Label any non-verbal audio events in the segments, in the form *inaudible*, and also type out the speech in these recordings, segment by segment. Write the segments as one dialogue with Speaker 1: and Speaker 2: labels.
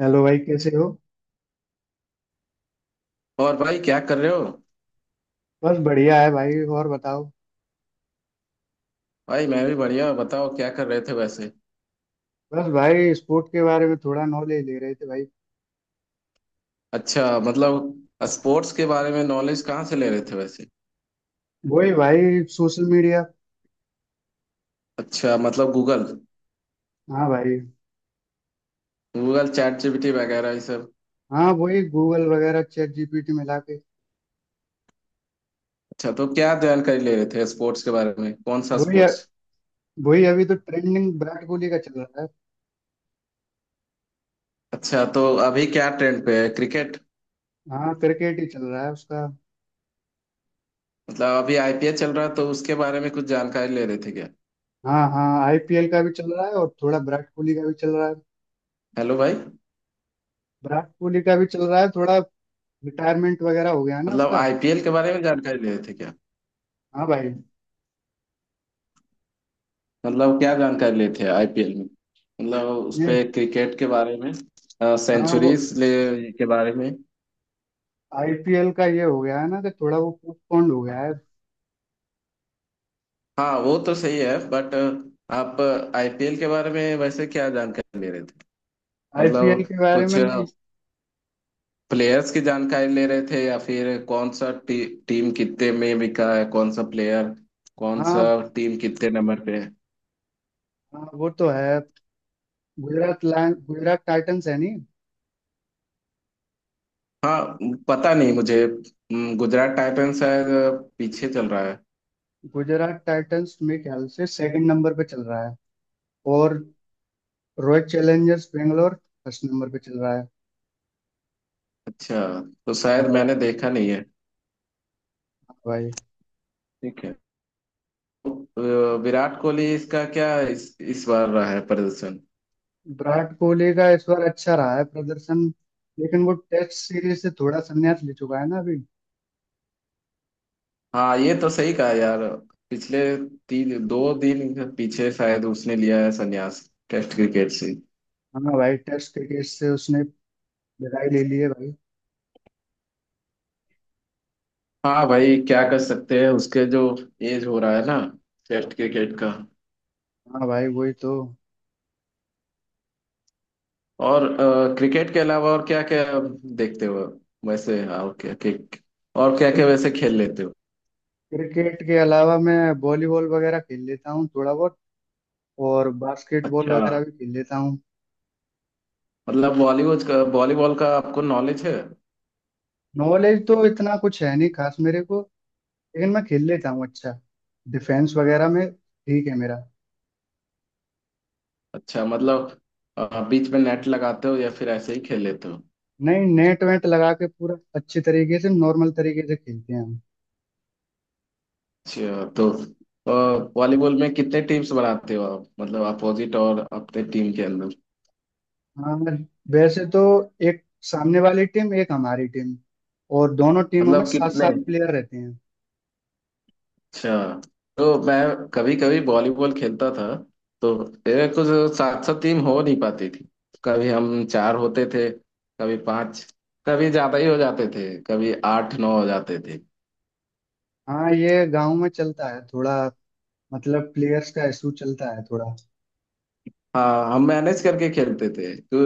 Speaker 1: Hello भाई, कैसे हो।
Speaker 2: और भाई क्या कर रहे हो?
Speaker 1: बस बढ़िया है भाई, और बताओ।
Speaker 2: भाई मैं भी बढ़िया, बताओ क्या कर रहे थे वैसे।
Speaker 1: बस भाई, स्पोर्ट के बारे में थोड़ा नॉलेज ले रहे थे भाई।
Speaker 2: अच्छा, मतलब स्पोर्ट्स के बारे में नॉलेज कहाँ से ले रहे थे वैसे?
Speaker 1: वही भाई, सोशल मीडिया।
Speaker 2: अच्छा, मतलब गूगल।
Speaker 1: हाँ भाई।
Speaker 2: गूगल, चैट जीपीटी वगैरह ये सब?
Speaker 1: हाँ, वही गूगल वगैरह चैट जीपीटी मिला के।
Speaker 2: अच्छा, तो क्या जानकारी ले रहे थे स्पोर्ट्स के बारे में, कौन सा
Speaker 1: वही।
Speaker 2: स्पोर्ट्स?
Speaker 1: वही, अभी तो ट्रेंडिंग विराट कोहली का चल रहा है।
Speaker 2: अच्छा, तो अभी क्या ट्रेंड पे है, क्रिकेट?
Speaker 1: हाँ, क्रिकेट ही चल रहा है उसका।
Speaker 2: मतलब अभी आईपीएल चल रहा है तो उसके बारे में कुछ जानकारी ले रहे थे क्या?
Speaker 1: हाँ हाँ, आईपीएल का भी चल रहा है और थोड़ा विराट कोहली का भी चल रहा है।
Speaker 2: हेलो भाई।
Speaker 1: विराट कोहली का भी चल रहा है थोड़ा। रिटायरमेंट वगैरह हो गया है ना
Speaker 2: मतलब
Speaker 1: उसका।
Speaker 2: आईपीएल के बारे में जानकारी ले रहे थे क्या?
Speaker 1: हाँ भाई।
Speaker 2: मतलब क्या जानकारी लेते हैं आईपीएल में, मतलब उस
Speaker 1: ये।
Speaker 2: पे क्रिकेट के बारे में,
Speaker 1: हाँ वो।
Speaker 2: सेंचुरीज ले के बारे में?
Speaker 1: आईपीएल का ये हो गया है ना कि थोड़ा वो पोस्टपोन्ड हो गया है।
Speaker 2: हाँ वो तो सही है बट आप आईपीएल के बारे में वैसे क्या जानकारी ले रहे थे?
Speaker 1: आईपीएल
Speaker 2: मतलब
Speaker 1: के बारे
Speaker 2: कुछ
Speaker 1: में मैं।
Speaker 2: प्लेयर्स की जानकारी ले रहे थे या फिर कौन सा टीम कितने में बिका है कौन सा प्लेयर, कौन सा
Speaker 1: हाँ।
Speaker 2: टीम कितने नंबर पे है?
Speaker 1: हाँ, वो तो है। गुजरात लैंड गुजरात टाइटंस है नहीं।
Speaker 2: हाँ पता नहीं मुझे, गुजरात टाइटंस शायद पीछे चल रहा है।
Speaker 1: गुजरात टाइटंस मेरे ख्याल से सेकंड नंबर पे चल रहा है। और Royal Challengers Bangalore first number पे चल रहा है।
Speaker 2: अच्छा, तो
Speaker 1: हाँ
Speaker 2: शायद मैंने
Speaker 1: भाई।
Speaker 2: देखा नहीं है।
Speaker 1: हाँ भाई।
Speaker 2: ठीक है। अ, विराट कोहली इसका क्या इस बार रहा है प्रदर्शन?
Speaker 1: विराट कोहली का इस बार अच्छा रहा है प्रदर्शन। लेकिन वो टेस्ट सीरीज से थोड़ा संन्यास ले चुका है ना अभी।
Speaker 2: हाँ ये तो सही कहा यार। पिछले तीन दो दिन पीछे शायद उसने लिया है संन्यास, टेस्ट क्रिकेट से।
Speaker 1: हाँ भाई, टेस्ट क्रिकेट से उसने विदाई ले ली है भाई।
Speaker 2: हाँ भाई क्या कर सकते हैं, उसके जो एज हो रहा है ना टेस्ट क्रिकेट का।
Speaker 1: हाँ भाई, वही तो।
Speaker 2: और क्रिकेट के अलावा और क्या क्या देखते हो वैसे? हाँ, और क्या क्या, और क्या क्या
Speaker 1: क्रिक-
Speaker 2: वैसे खेल लेते हो?
Speaker 1: क्रिकेट के अलावा मैं वॉलीबॉल वगैरह खेल लेता हूँ थोड़ा बहुत। और बास्केटबॉल
Speaker 2: अच्छा,
Speaker 1: वगैरह भी खेल लेता हूँ।
Speaker 2: मतलब बॉलीवुड का, बॉलीबॉल का आपको नॉलेज है?
Speaker 1: नॉलेज तो इतना कुछ है नहीं खास मेरे को। लेकिन मैं खेल लेता हूँ अच्छा। डिफेंस वगैरह में ठीक है मेरा।
Speaker 2: अच्छा, मतलब बीच में नेट लगाते हो या फिर ऐसे ही खेल लेते हो?
Speaker 1: नहीं, नेट वेट लगा के पूरा अच्छे तरीके से नॉर्मल तरीके से खेलते हैं हम।
Speaker 2: अच्छा, तो वॉलीबॉल में कितने टीम्स बनाते हो आप, मतलब अपोजिट और अपने टीम के अंदर?
Speaker 1: हाँ, वैसे तो एक सामने वाली टीम एक हमारी टीम और दोनों टीमों में
Speaker 2: मतलब
Speaker 1: सात
Speaker 2: कितने?
Speaker 1: सात प्लेयर रहते हैं।
Speaker 2: अच्छा, तो मैं कभी कभी वॉलीबॉल खेलता था तो मेरे कुछ सात सात टीम हो नहीं पाती थी। कभी हम चार होते थे, कभी पांच, कभी ज्यादा ही हो जाते थे, कभी आठ नौ हो जाते थे।
Speaker 1: हाँ, ये गांव में चलता है थोड़ा। मतलब प्लेयर्स का इशू चलता है थोड़ा।
Speaker 2: हाँ हम मैनेज करके खेलते थे तो,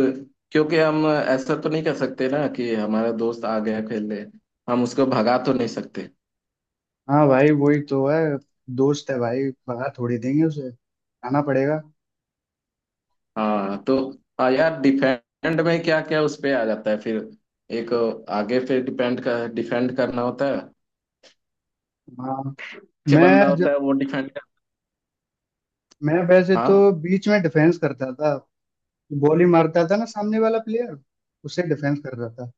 Speaker 2: क्योंकि हम ऐसा तो नहीं कर सकते ना कि हमारा दोस्त आ गया खेलने, हम उसको भगा तो नहीं सकते।
Speaker 1: हाँ भाई, वही तो है। दोस्त है भाई। भगा थोड़ी देंगे उसे। आना पड़ेगा।
Speaker 2: हाँ तो, हाँ यार डिफेंड में क्या क्या उस पे आ जाता है फिर, एक आगे पे डिपेंड कर, डिफेंड करना होता है,
Speaker 1: हाँ।
Speaker 2: पीछे बंदा
Speaker 1: मैं ज,
Speaker 2: होता है वो डिफेंड कर।
Speaker 1: मैं वैसे तो
Speaker 2: हाँ।
Speaker 1: बीच में डिफेंस करता था। बॉली मारता था ना सामने वाला प्लेयर, उसे डिफेंस कर रहा था।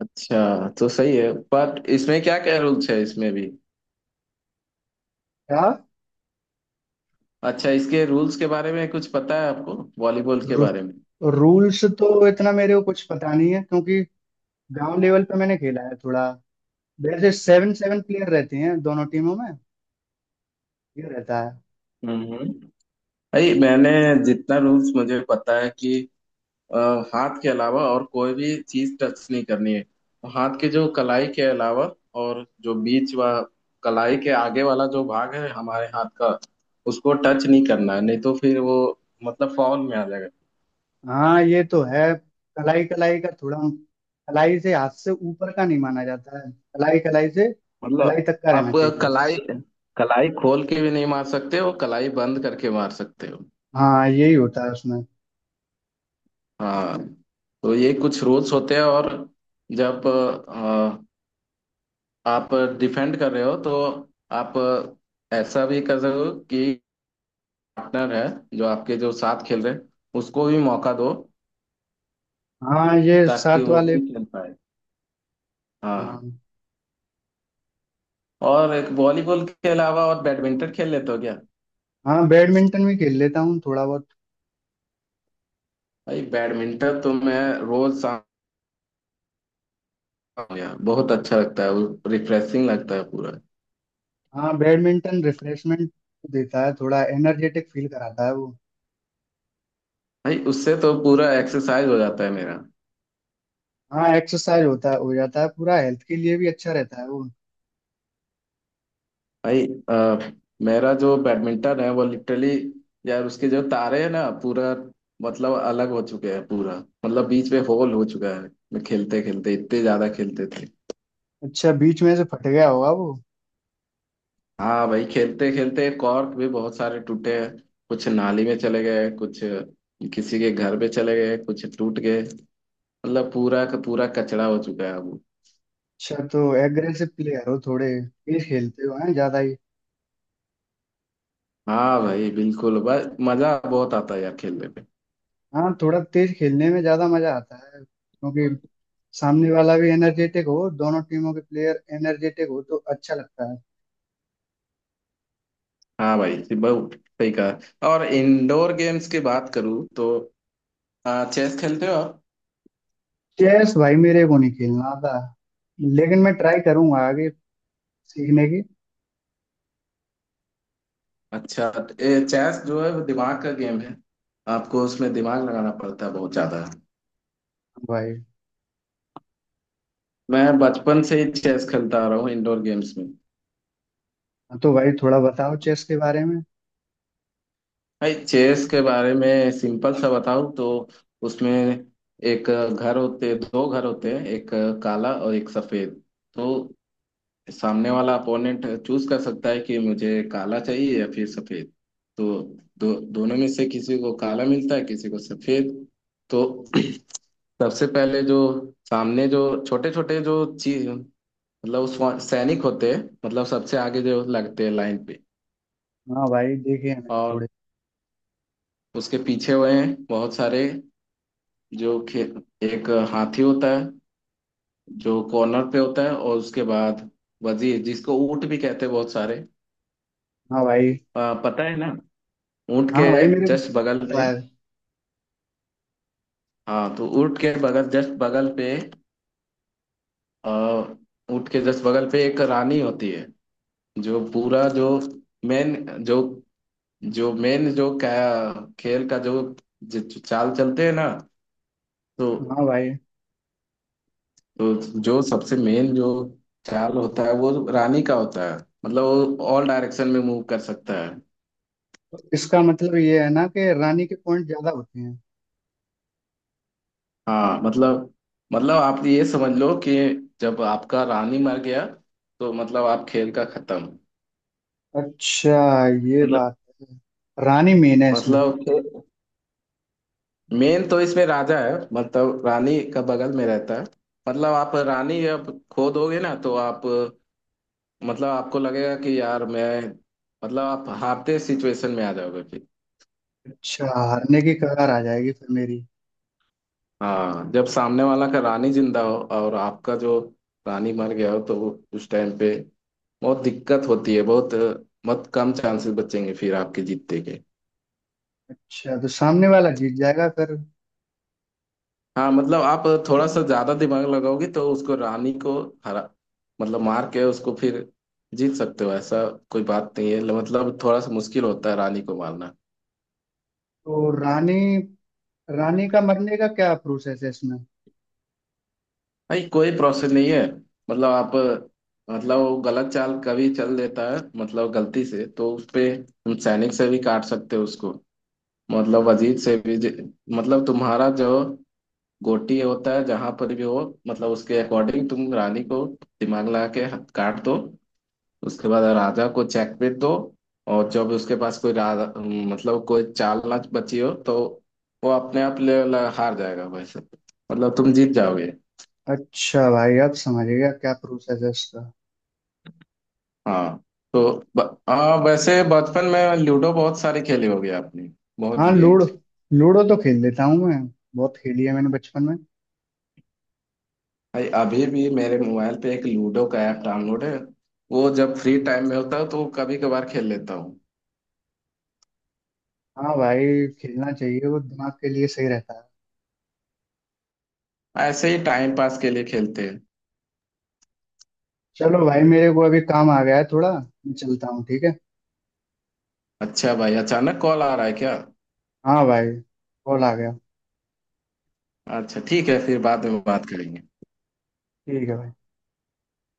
Speaker 2: अच्छा, तो सही है बट इसमें क्या क्या रूल्स है इसमें भी?
Speaker 1: क्या।
Speaker 2: अच्छा, इसके रूल्स के बारे में कुछ पता है आपको वॉलीबॉल के
Speaker 1: रू,
Speaker 2: बारे में?
Speaker 1: रूल्स तो इतना मेरे को कुछ पता नहीं है क्योंकि गांव लेवल पे मैंने खेला है थोड़ा। वैसे सेवन सेवन प्लेयर रहते हैं दोनों टीमों में। ये रहता है।
Speaker 2: हम्म। भाई मैंने, जितना रूल्स मुझे पता है कि, अ, हाथ के अलावा और कोई भी चीज टच नहीं करनी है, तो हाथ के जो कलाई के अलावा, और जो बीच व कलाई के आगे वाला जो भाग है हमारे हाथ का, उसको टच नहीं करना है, नहीं तो फिर वो मतलब फाउल में आ जाएगा।
Speaker 1: हाँ, ये तो है। कलाई कलाई का थोड़ा। कलाई से हाथ से ऊपर का नहीं माना जाता है, कलाई कलाई से कलाई
Speaker 2: मतलब
Speaker 1: तक का रहना
Speaker 2: आप
Speaker 1: चाहिए
Speaker 2: कलाई,
Speaker 1: बस।
Speaker 2: कलाई खोल के भी नहीं मार सकते हो, कलाई बंद करके मार सकते हो।
Speaker 1: हाँ, यही होता है उसमें।
Speaker 2: हाँ, तो ये कुछ रूल्स होते हैं। और जब आप डिफेंड कर रहे हो तो आप ऐसा भी कर रहे हो कि पार्टनर है जो आपके जो साथ खेल रहे हैं उसको भी मौका दो,
Speaker 1: हाँ, ये
Speaker 2: ताकि
Speaker 1: सात
Speaker 2: वो
Speaker 1: वाले।
Speaker 2: भी खेल पाए। हाँ।
Speaker 1: हाँ।
Speaker 2: और एक वॉलीबॉल के अलावा और बैडमिंटन खेल लेते हो क्या?
Speaker 1: हाँ, बैडमिंटन भी खेल लेता हूँ थोड़ा बहुत।
Speaker 2: भाई बैडमिंटन तो मैं रोज शाम, यार बहुत अच्छा लगता है, रिफ्रेशिंग लगता है पूरा।
Speaker 1: हाँ, बैडमिंटन रिफ्रेशमेंट देता है, थोड़ा एनर्जेटिक फील कराता है वो।
Speaker 2: भाई उससे तो पूरा एक्सरसाइज हो जाता है मेरा।
Speaker 1: हाँ, एक्सरसाइज होता है, हो जाता है पूरा, हेल्थ के लिए भी अच्छा रहता है वो।
Speaker 2: भाई मेरा जो बैडमिंटन है वो लिटरली, यार उसके जो तारे हैं ना पूरा मतलब अलग हो चुके हैं पूरा, मतलब बीच में होल हो चुका है। मैं खेलते खेलते इतने ज्यादा खेलते थे।
Speaker 1: अच्छा, बीच में से फट गया होगा वो।
Speaker 2: हाँ भाई खेलते खेलते कॉर्क भी बहुत सारे टूटे हैं, कुछ नाली में चले गए, कुछ किसी के घर पे चले गए, कुछ टूट गए। मतलब पूरा का पूरा कचरा हो चुका है अब।
Speaker 1: अच्छा, तो एग्रेसिव प्लेयर हो थोड़े, तेज खेलते हो हैं ज्यादा ही।
Speaker 2: हाँ भाई बिल्कुल, बस मजा बहुत आता है यार खेलने में।
Speaker 1: हाँ, थोड़ा तेज खेलने में ज्यादा मजा आता है क्योंकि सामने वाला भी एनर्जेटिक हो, दोनों टीमों के प्लेयर एनर्जेटिक हो तो अच्छा लगता है।
Speaker 2: हाँ भाई जी, बहुत सही कहा। और इंडोर गेम्स की बात करूँ तो चेस खेलते हो आप?
Speaker 1: चेस भाई मेरे को नहीं खेलना आता, लेकिन मैं ट्राई करूंगा आगे सीखने की।
Speaker 2: अच्छा। चेस जो है वो दिमाग का गेम है, आपको उसमें दिमाग लगाना पड़ता है बहुत ज्यादा।
Speaker 1: भाई।
Speaker 2: मैं बचपन से ही चेस खेलता आ रहा हूँ इंडोर गेम्स में।
Speaker 1: हाँ, तो भाई थोड़ा बताओ चेस के बारे में।
Speaker 2: भाई चेस के बारे में सिंपल सा बताऊं तो, उसमें एक घर होते, दो घर होते हैं, एक काला और एक सफेद। तो सामने वाला अपोनेंट चूज कर सकता है कि मुझे काला चाहिए या फिर सफेद। तो दो दोनों में से किसी को काला मिलता है, किसी को सफेद। तो *clears throat* सबसे पहले जो सामने जो छोटे छोटे जो चीज, मतलब उस, सैनिक होते हैं मतलब, सबसे आगे जो लगते हैं लाइन पे।
Speaker 1: हाँ भाई, देखे हैं मैंने
Speaker 2: और
Speaker 1: थोड़े।
Speaker 2: उसके पीछे हुए हैं बहुत सारे, जो खे, एक हाथी होता है जो कॉर्नर पे होता है। और उसके बाद वजीर जिसको ऊंट भी कहते हैं बहुत सारे।
Speaker 1: हाँ भाई।
Speaker 2: पता है ना, ऊंट
Speaker 1: हाँ
Speaker 2: के
Speaker 1: भाई मेरे को
Speaker 2: जस्ट बगल
Speaker 1: पता
Speaker 2: में।
Speaker 1: है।
Speaker 2: हाँ तो ऊंट के बगल, जस्ट बगल पे, आ, ऊंट के जस्ट बगल पे एक रानी होती है, जो पूरा जो मेन जो, जो मेन जो क्या खेल का जो, जो चाल चलते हैं ना, तो
Speaker 1: हाँ भाई।
Speaker 2: तो जो सबसे मेन जो चाल होता है वो रानी का होता है। मतलब वो ऑल डायरेक्शन में मूव कर सकता है।
Speaker 1: तो इसका मतलब ये है ना कि रानी के पॉइंट ज्यादा होते हैं।
Speaker 2: हाँ मतलब, आप ये समझ लो कि जब आपका रानी मर गया तो मतलब आप खेल का खत्म।
Speaker 1: अच्छा, ये
Speaker 2: मतलब,
Speaker 1: बात है। रानी मेन है इसमें।
Speaker 2: मतलब मेन तो इसमें राजा है, मतलब रानी का बगल में रहता है। मतलब आप रानी जब खो दोगे ना तो आप, मतलब आपको लगेगा कि यार मैं, मतलब आप हारते सिचुएशन में आ जाओगे।
Speaker 1: अच्छा, हारने की कगार आ जाएगी फिर मेरी।
Speaker 2: हाँ जब सामने वाला का रानी जिंदा हो और आपका जो रानी मर गया हो तो, उस टाइम पे बहुत दिक्कत होती है बहुत, मत कम चांसेस बचेंगे फिर आपके जीतने के।
Speaker 1: अच्छा, तो सामने वाला जीत जाएगा फिर।
Speaker 2: हाँ मतलब आप थोड़ा सा ज्यादा दिमाग लगाओगे तो उसको, रानी को हरा, मतलब मार के उसको फिर जीत सकते हो, ऐसा कोई बात नहीं है। मतलब थोड़ा सा मुश्किल होता है रानी को मारना।
Speaker 1: तो रानी रानी का मरने का क्या प्रोसेस है इसमें।
Speaker 2: भाई कोई प्रोसेस नहीं है, मतलब आप, मतलब वो गलत चाल कभी चल देता है, मतलब गलती से। तो उस पे हम सैनिक से भी काट सकते हो उसको, मतलब अजीत से भी। मतलब तुम्हारा जो गोटी होता है जहां पर भी हो, मतलब उसके अकॉर्डिंग तुम रानी को दिमाग लगा के काट दो। उसके बाद राजा को चेकमेट दो। और जब उसके पास कोई राजा, मतलब कोई चाल ना बची हो, तो वो अपने आप हार जाएगा वैसे, मतलब तुम जीत जाओगे।
Speaker 1: अच्छा भाई, अब समझ गया क्या प्रोसेस है इसका।
Speaker 2: हाँ तो ब- हाँ वैसे बचपन में लूडो बहुत सारे खेले होगे आपने, बहुत
Speaker 1: हाँ लूडो।
Speaker 2: गेम्स।
Speaker 1: लूडो तो खेल लेता हूँ मैं। बहुत खेली है मैंने बचपन में।
Speaker 2: भाई अभी भी मेरे मोबाइल पे एक लूडो का ऐप डाउनलोड है, वो जब फ्री टाइम में होता है तो कभी कभार खेल लेता हूँ,
Speaker 1: हाँ भाई, खेलना चाहिए, वो दिमाग के लिए सही रहता है।
Speaker 2: ऐसे ही टाइम पास के लिए खेलते हैं।
Speaker 1: चलो भाई, मेरे को अभी काम आ गया है थोड़ा। मैं चलता हूँ, ठीक है।
Speaker 2: अच्छा भाई अचानक कॉल आ रहा है क्या?
Speaker 1: हाँ भाई। कॉल आ गया।
Speaker 2: अच्छा ठीक है, फिर बाद में बात करेंगे।
Speaker 1: ठीक है भाई।